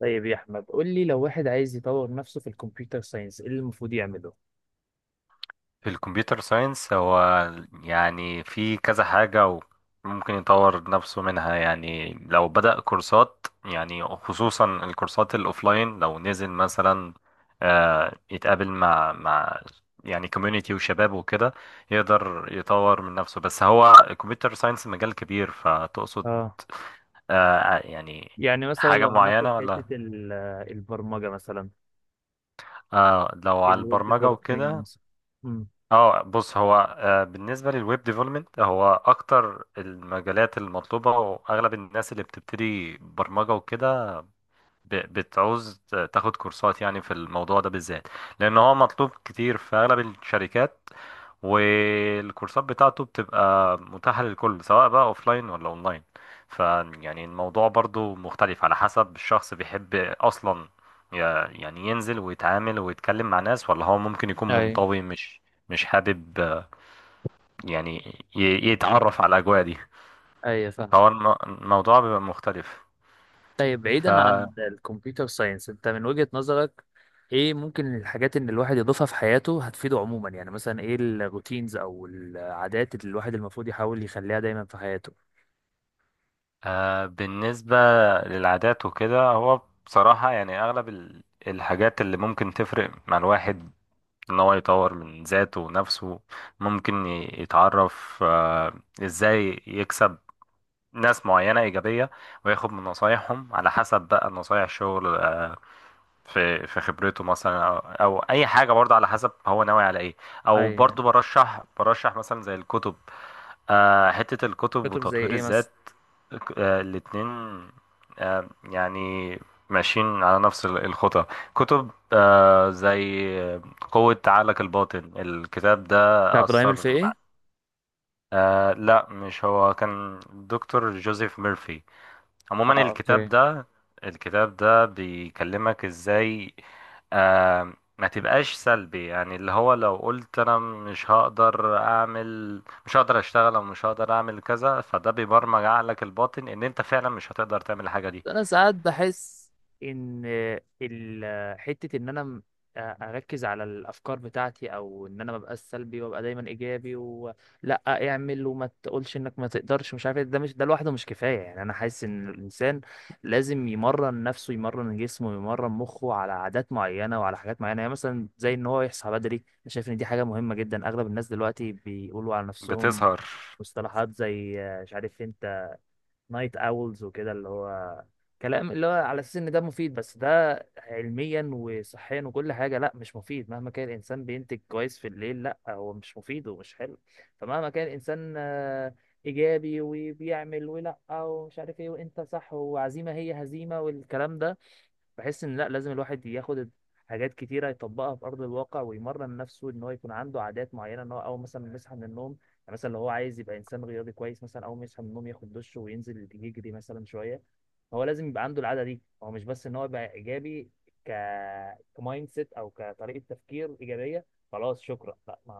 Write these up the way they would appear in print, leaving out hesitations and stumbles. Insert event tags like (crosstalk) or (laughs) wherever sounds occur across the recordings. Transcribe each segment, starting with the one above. طيب يا احمد، قول لي لو واحد عايز يطور نفسه في الكمبيوتر ساينس، ايه اللي المفروض يعمله؟ في الكمبيوتر ساينس هو يعني في كذا حاجة، وممكن يطور نفسه منها. يعني لو بدأ كورسات، يعني خصوصا الكورسات الأوفلاين لو نزل مثلا، يتقابل مع يعني كوميونيتي وشباب وكده، يقدر يطور من نفسه. بس هو الكمبيوتر ساينس مجال كبير، فتقصد اه، آه يعني يعني مثلا حاجة لو هناخد معينة حتة ولا؟ البرمجة مثلا، آه، لو على الويب البرمجة ديفلوبمنت وكده. مثلا. امم اه، بص هو بالنسبه للويب ديفلوبمنت هو اكتر المجالات المطلوبه، واغلب الناس اللي بتبتدي برمجه وكده بتعوز تاخد كورسات يعني في الموضوع ده بالذات، لان هو مطلوب كتير في اغلب الشركات. والكورسات بتاعته بتبقى متاحة للكل، سواء بقى اوفلاين ولا اونلاين. ف يعني الموضوع برضو مختلف على حسب الشخص. بيحب اصلا ي- يعني ينزل ويتعامل ويتكلم مع ناس، ولا هو ممكن يكون اي. منطوي، مش حابب يعني يتعرف على الاجواء دي. اي، فاهم. فهو الموضوع بيبقى مختلف. طيب ف بعيدا عن الكمبيوتر ساينس، انت من وجهة نظرك ايه ممكن الحاجات ان الواحد يضيفها في حياته هتفيده عموما؟ يعني مثلا ايه الروتينز او العادات اللي الواحد المفروض يحاول يخليها دايما في حياته؟ بالنسبة للعادات وكده، هو بصراحة يعني اغلب الحاجات اللي ممكن تفرق مع الواحد ان هو يطور من ذاته ونفسه. ممكن يتعرف ازاي يكسب ناس معينة إيجابية، وياخد من نصايحهم، على حسب بقى نصايح الشغل في خبرته مثلا، أو أي حاجة برضه، على حسب هو ناوي على إيه. أو اي. برضه برشح مثلا زي الكتب، حتة الكتب كتب زي وتطوير ايه مثلا؟ الذات. الاتنين، آه، يعني ماشيين على نفس الخطى. كتب زي قوة عقلك الباطن، الكتاب ده بتاع ابراهيم أثر مع- الفقي؟ لا، مش هو، كان دكتور جوزيف ميرفي. عموما اه، الكتاب اوكي. ده، الكتاب ده بيكلمك ازاي ما تبقاش سلبي. يعني اللي هو لو قلت انا مش هقدر اعمل، مش هقدر اشتغل، او مش هقدر اعمل كذا، فده بيبرمج عقلك الباطن ان انت فعلا مش هتقدر تعمل الحاجة دي. انا ساعات بحس ان حته ان انا اركز على الافكار بتاعتي، او ان انا ما ببقاش سلبي وابقى دايما ايجابي، ولا اعمل وما تقولش انك ما تقدرش مش عارف إيه. ده مش، ده لوحده مش كفايه. يعني انا حاسس ان الانسان لازم يمرن نفسه، يمرن جسمه، يمرن مخه على عادات معينه وعلى حاجات معينه. يعني مثلا زي ان هو يصحى بدري، انا شايف ان دي حاجه مهمه جدا. اغلب الناس دلوقتي بيقولوا على نفسهم بتظهر. مصطلحات زي، مش عارف انت، نايت اولز وكده، اللي هو كلام اللي هو على اساس ان ده مفيد. بس ده علميا وصحيا وكل حاجه لا، مش مفيد. مهما كان الانسان بينتج كويس في الليل، لا هو مش مفيد ومش حلو. فمهما كان الانسان ايجابي وبيعمل ولا ومش عارف ايه، وانت صح، وعزيمه هي هزيمه، والكلام ده، بحس ان لا، لازم الواحد ياخد حاجات كتيره يطبقها في ارض الواقع، ويمرن نفسه ان هو يكون عنده عادات معينه. ان هو اول مثلا ما يصحى من النوم، يعني مثلا لو هو عايز يبقى انسان رياضي كويس، مثلا اول ما يصحى من النوم ياخد دش وينزل يجري مثلا شويه. هو لازم يبقى عنده العاده دي، هو مش بس ان هو يبقى ايجابي ك كمايند سيت او كطريقه تفكير ايجابيه. خلاص شكرا، لا، ما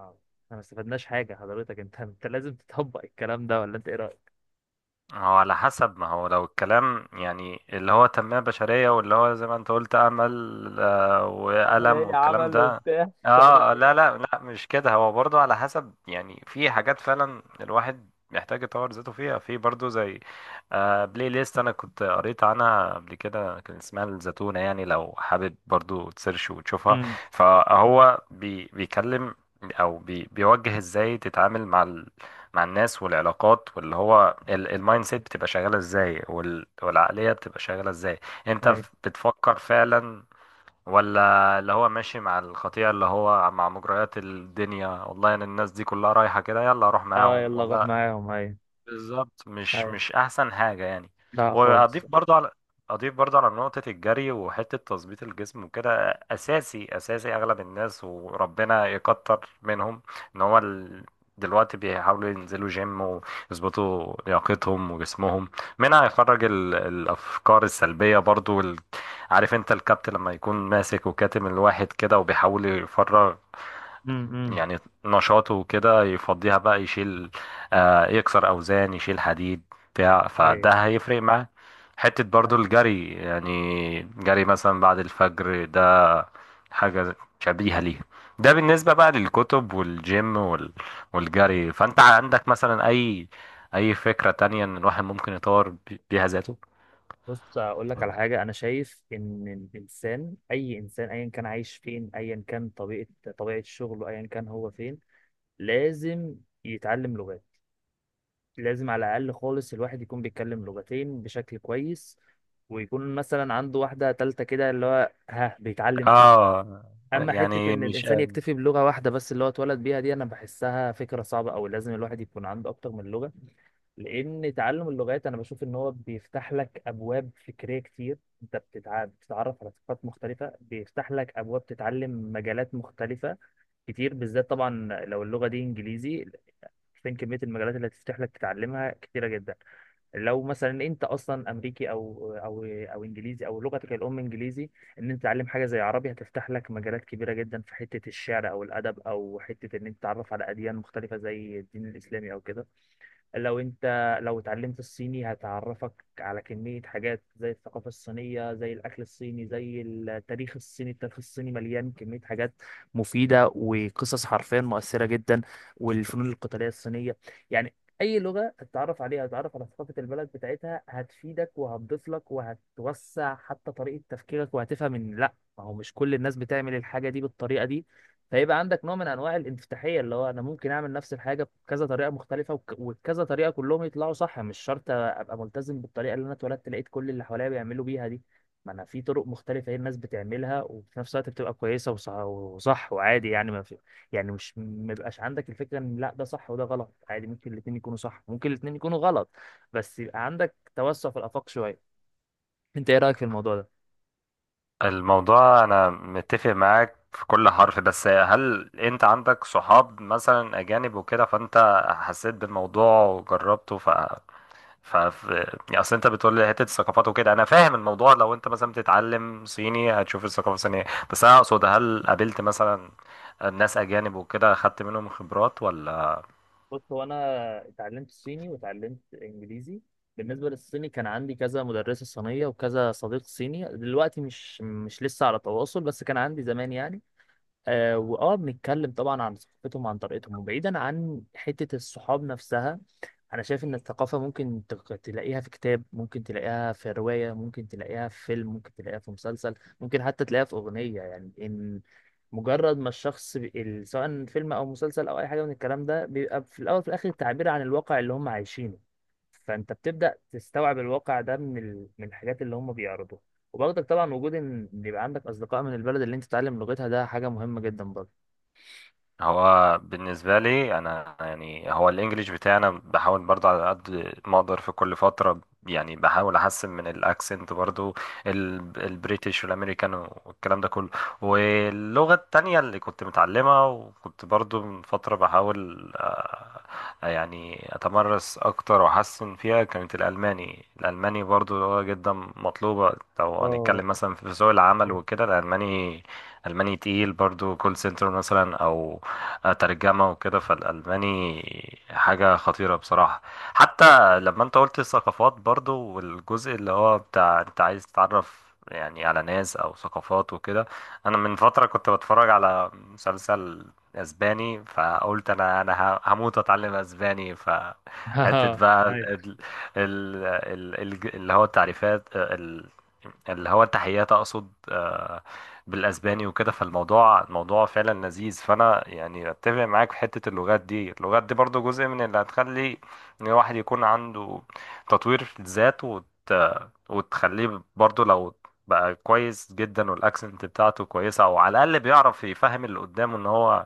احنا ما استفدناش حاجه. حضرتك انت لازم تطبق الكلام ده، ولا انت ايه رايك؟ هو على حسب، ما هو لو الكلام يعني اللي هو تنمية بشرية، واللي هو زي ما انت قلت، أمل عمل وألم ايه، والكلام عمل ده. وبتاع مش عارف لا ايه. لا لا، مش كده. هو برضو على حسب، يعني في حاجات فعلا الواحد محتاج يطور ذاته فيها. في برضو زي بلاي ليست، انا كنت قريت عنها قبل كده، كان اسمها الزتونة. يعني لو حابب برضو تسيرش وتشوفها. امم فهو بيكلم او بيوجه ازاي تتعامل مع الناس والعلاقات. واللي هو المايند سيت بتبقى شغالة ازاي، والعقلية بتبقى شغالة ازاي. انت ايوه. بتفكر فعلا، ولا اللي هو ماشي مع الخطيئة، اللي هو مع مجريات الدنيا؟ والله انا الناس دي كلها رايحة كده، يلا اروح اه، معاهم. يلا روح والله معاهم. ايوه. بالظبط، مش ايوه، مش احسن حاجه يعني. لا خالص. واضيف برضو على اضيف برضو على نقطه الجري وحته تظبيط الجسم وكده. اساسي، اساسي. اغلب الناس وربنا يكتر منهم، ان هو دلوقتي بيحاولوا ينزلوا جيم ويظبطوا لياقتهم وجسمهم. منها يخرج الافكار السلبيه برضو. عارف انت الكابت لما يكون ماسك وكاتم الواحد كده، وبيحاول يفرغ امم يعني نشاطه كده، يفضيها بقى، يشيل يكسر أوزان، يشيل حديد بتاع، ايوه. فده هيفرق معاه. حتة برضو الجري، يعني جري مثلا بعد الفجر ده حاجة شبيهة ليها. ده بالنسبة بقى للكتب والجيم والجري. فأنت عندك مثلا أي فكرة تانية إن الواحد ممكن يطور بيها ذاته؟ بص، اقول لك على حاجه. انا شايف ان الانسان، اي انسان، ايا كان عايش فين، ايا كان طبيعه شغله، ايا كان هو فين، لازم يتعلم لغات. لازم على الاقل خالص الواحد يكون بيتكلم لغتين بشكل كويس، ويكون مثلا عنده واحده تالته كده اللي هو ها بيتعلم فيه. آه اما حته يعني ان مش الانسان يكتفي بلغه واحده بس اللي هو اتولد بيها دي، انا بحسها فكره صعبه. او لازم الواحد يكون عنده اكتر من لغه، لان تعلم اللغات انا بشوف ان هو بيفتح لك ابواب فكريه كتير. انت بتتعرف على ثقافات مختلفه، بيفتح لك ابواب تتعلم مجالات مختلفه كتير. بالذات طبعا لو اللغه دي انجليزي، فين كميه المجالات اللي هتفتح لك تتعلمها؟ كتيره جدا. لو مثلا انت اصلا امريكي او او او انجليزي، او لغتك الام انجليزي، ان انت تتعلم حاجه زي عربي هتفتح لك مجالات كبيره جدا في حته الشعر او الادب، او حته ان انت تتعرف على اديان مختلفه زي الدين الاسلامي او كده. لو انت لو اتعلمت الصيني هتعرفك على كمية حاجات زي الثقافة الصينية، زي الأكل الصيني، زي التاريخ الصيني. التاريخ الصيني مليان كمية حاجات مفيدة، وقصص حرفيا مؤثرة جدا، والفنون القتالية الصينية. يعني أي لغة هتتعرف عليها هتتعرف على ثقافة البلد بتاعتها، هتفيدك وهتضيف لك وهتوسع حتى طريقة تفكيرك، وهتفهم إن لأ، ما هو مش كل الناس بتعمل الحاجة دي بالطريقة دي. فيبقى عندك نوع من انواع الانفتاحيه، اللي هو انا ممكن اعمل نفس الحاجه بكذا طريقه مختلفه وبكذا طريقه كلهم يطلعوا صح. مش شرط ابقى ملتزم بالطريقه اللي انا اتولدت لقيت كل اللي حواليا بيعملوا بيها دي. ما انا في طرق مختلفه هي الناس بتعملها، وفي نفس الوقت بتبقى كويسه وصح، وعادي. يعني ما في، يعني مش ما يبقاش عندك الفكره ان لا ده صح وده غلط. عادي، ممكن الاثنين يكونوا صح، ممكن الاثنين يكونوا غلط، بس يبقى عندك توسع في الافاق شويه. انت ايه رايك في الموضوع ده؟ الموضوع، انا متفق معاك في كل حرف، بس هل انت عندك صحاب مثلا اجانب وكده، فانت حسيت بالموضوع وجربته؟ ف ف- يعني اصل انت بتقول لي حته الثقافات وكده، انا فاهم الموضوع. لو انت مثلا بتتعلم صيني هتشوف الثقافه الصينيه. بس انا اقصد، هل قابلت مثلا ناس اجانب وكده، خدت منهم خبرات ولا؟ بص، هو انا اتعلمت صيني واتعلمت انجليزي. بالنسبه للصيني كان عندي كذا مدرسه صينيه وكذا صديق صيني، دلوقتي مش، مش لسه على تواصل، بس كان عندي زمان يعني. آه، بنتكلم طبعا عن ثقافتهم وعن طريقتهم. وبعيدا عن حتة الصحاب نفسها، أنا شايف إن الثقافة ممكن تلاقيها في كتاب، ممكن تلاقيها في رواية، ممكن تلاقيها في فيلم، ممكن تلاقيها في مسلسل، ممكن حتى تلاقيها في أغنية. يعني إن مجرد ما الشخص سواء فيلم أو مسلسل أو أي حاجة من الكلام ده، بيبقى في الأول وفي الآخر تعبير عن الواقع اللي هم عايشينه. فأنت بتبدأ تستوعب الواقع ده من ال... من الحاجات اللي هم بيعرضوها. وبرضك طبعا وجود ان إن يبقى عندك اصدقاء من البلد اللي انت تتعلم لغتها، ده حاجه مهمه جدا برضه. هو بالنسبة لي أنا، يعني هو الإنجليش بتاعنا بحاول برضو على قد ما أقدر في كل فترة، يعني بحاول أحسن من الأكسنت برضو، البريتش والأمريكان والكلام ده كله. واللغة التانية اللي كنت متعلمها وكنت برضو من فترة بحاول يعني أتمرس أكتر وأحسن فيها، كانت الألماني. الألماني برضو لغة جدا مطلوبة، لو اه. هنتكلم مثلا في سوق العمل وكده. الألماني، ألماني تقيل، برضو كول سنتر مثلا أو ترجمة وكده، فالألماني حاجة خطيرة بصراحة. حتى لما انت قلت الثقافات برضو، والجزء اللي هو بتاع انت عايز تتعرف يعني على ناس أو ثقافات وكده، أنا من فترة كنت بتفرج على مسلسل اسباني، فقلت انا هموت اتعلم اسباني. فحته (laughs) بقى ايوه. اللي هو التعريفات، اللي هو التحيات اقصد بالاسباني وكده. فالموضوع، الموضوع فعلا لذيذ. فانا يعني اتفق معاك في حته اللغات دي. اللغات دي برضو جزء من اللي هتخلي ان الواحد يكون عنده تطوير في الذات، وتخليه برضو لو بقى كويس جدا، والاكسنت بتاعته كويسه، او على الاقل بيعرف يفهم اللي قدامه ان هو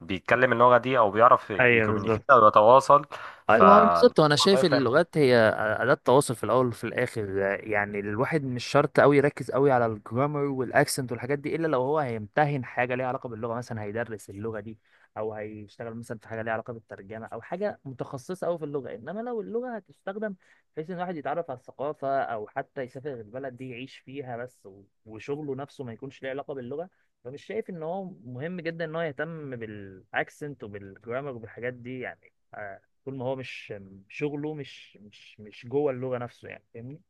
بيتكلم اللغه دي، او بيعرف ايوه، يكومينيكيت بالظبط. او يتواصل. ايوه، ما هو بالظبط. وانا فالموضوع شايف هيفرق. اللغات هي اداه تواصل في الاول وفي الاخر. يعني الواحد مش شرط قوي يركز قوي على الجرامر والاكسنت والحاجات دي، الا لو هو هيمتهن حاجه ليها علاقه باللغه، مثلا هيدرس اللغه دي او هيشتغل مثلا في حاجه ليها علاقه بالترجمه، او حاجه متخصصه قوي في اللغه. انما لو اللغه هتستخدم بحيث ان الواحد يتعرف على الثقافه، او حتى يسافر البلد دي يعيش فيها بس، وشغله نفسه ما يكونش ليه علاقه باللغه، فمش شايف ان هو مهم جدا ان هو يهتم بالاكسنت وبالجرامر وبالحاجات دي. يعني طول ما هو مش، شغله مش جوه اللغة نفسه، يعني فاهمني.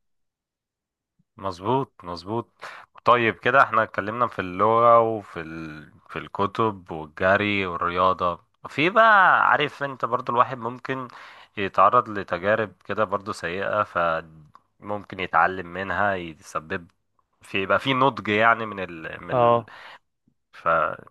مظبوط، مظبوط. طيب كده احنا اتكلمنا في اللغة وفي في الكتب والجري والرياضة. في بقى، عارف انت، برضو الواحد ممكن يتعرض لتجارب كده برضو سيئة، فممكن يتعلم منها، يسبب في يبقى في نضج يعني اه، ف...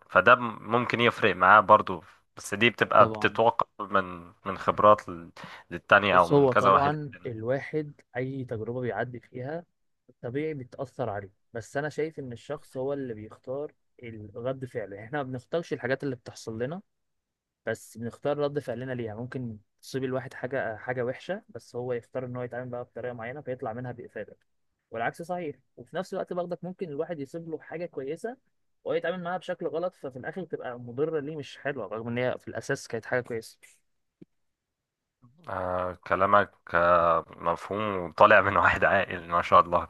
فده ممكن يفرق معاه برضو. بس دي بتبقى طبعا. بتتوقع من خبرات للتانية او بص، من هو كذا واحد. طبعا الواحد أي تجربة بيعدي فيها طبيعي بتأثر عليه. بس أنا شايف إن الشخص هو اللي بيختار رد فعله. يعني إحنا ما بنختارش الحاجات اللي بتحصل لنا، بس بنختار رد فعلنا ليها. ممكن تصيب الواحد حاجة وحشة، بس هو يختار إن هو يتعامل بقى بطريقة معينة فيطلع منها بإفادة. والعكس صحيح، وفي نفس الوقت برضك ممكن الواحد يصيب له حاجة كويسة وهو يتعامل معاها بشكل غلط، ففي الآخر تبقى مضرة ليه مش حلوة، رغم إن هي في الأساس كانت حاجة كويسة. كلامك مفهوم وطالع من (laughs) واحد عاقل ما شاء الله،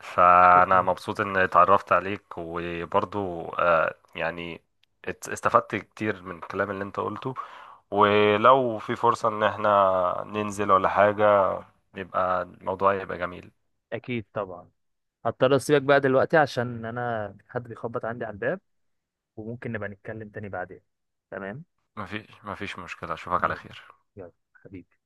فأنا شكرا. مبسوط إن اتعرفت عليك. وبرضو يعني استفدت كتير من الكلام اللي انت قلته. ولو في فرصة إن احنا ننزل ولا حاجة، يبقى الموضوع يبقى جميل. أكيد طبعا. هضطر أسيبك بقى دلوقتي عشان أنا حد بيخبط عندي على الباب، وممكن نبقى نتكلم تاني بعدين. تمام. مفيش مشكلة، أشوفك على ماشي. خير. يلا حبيبي.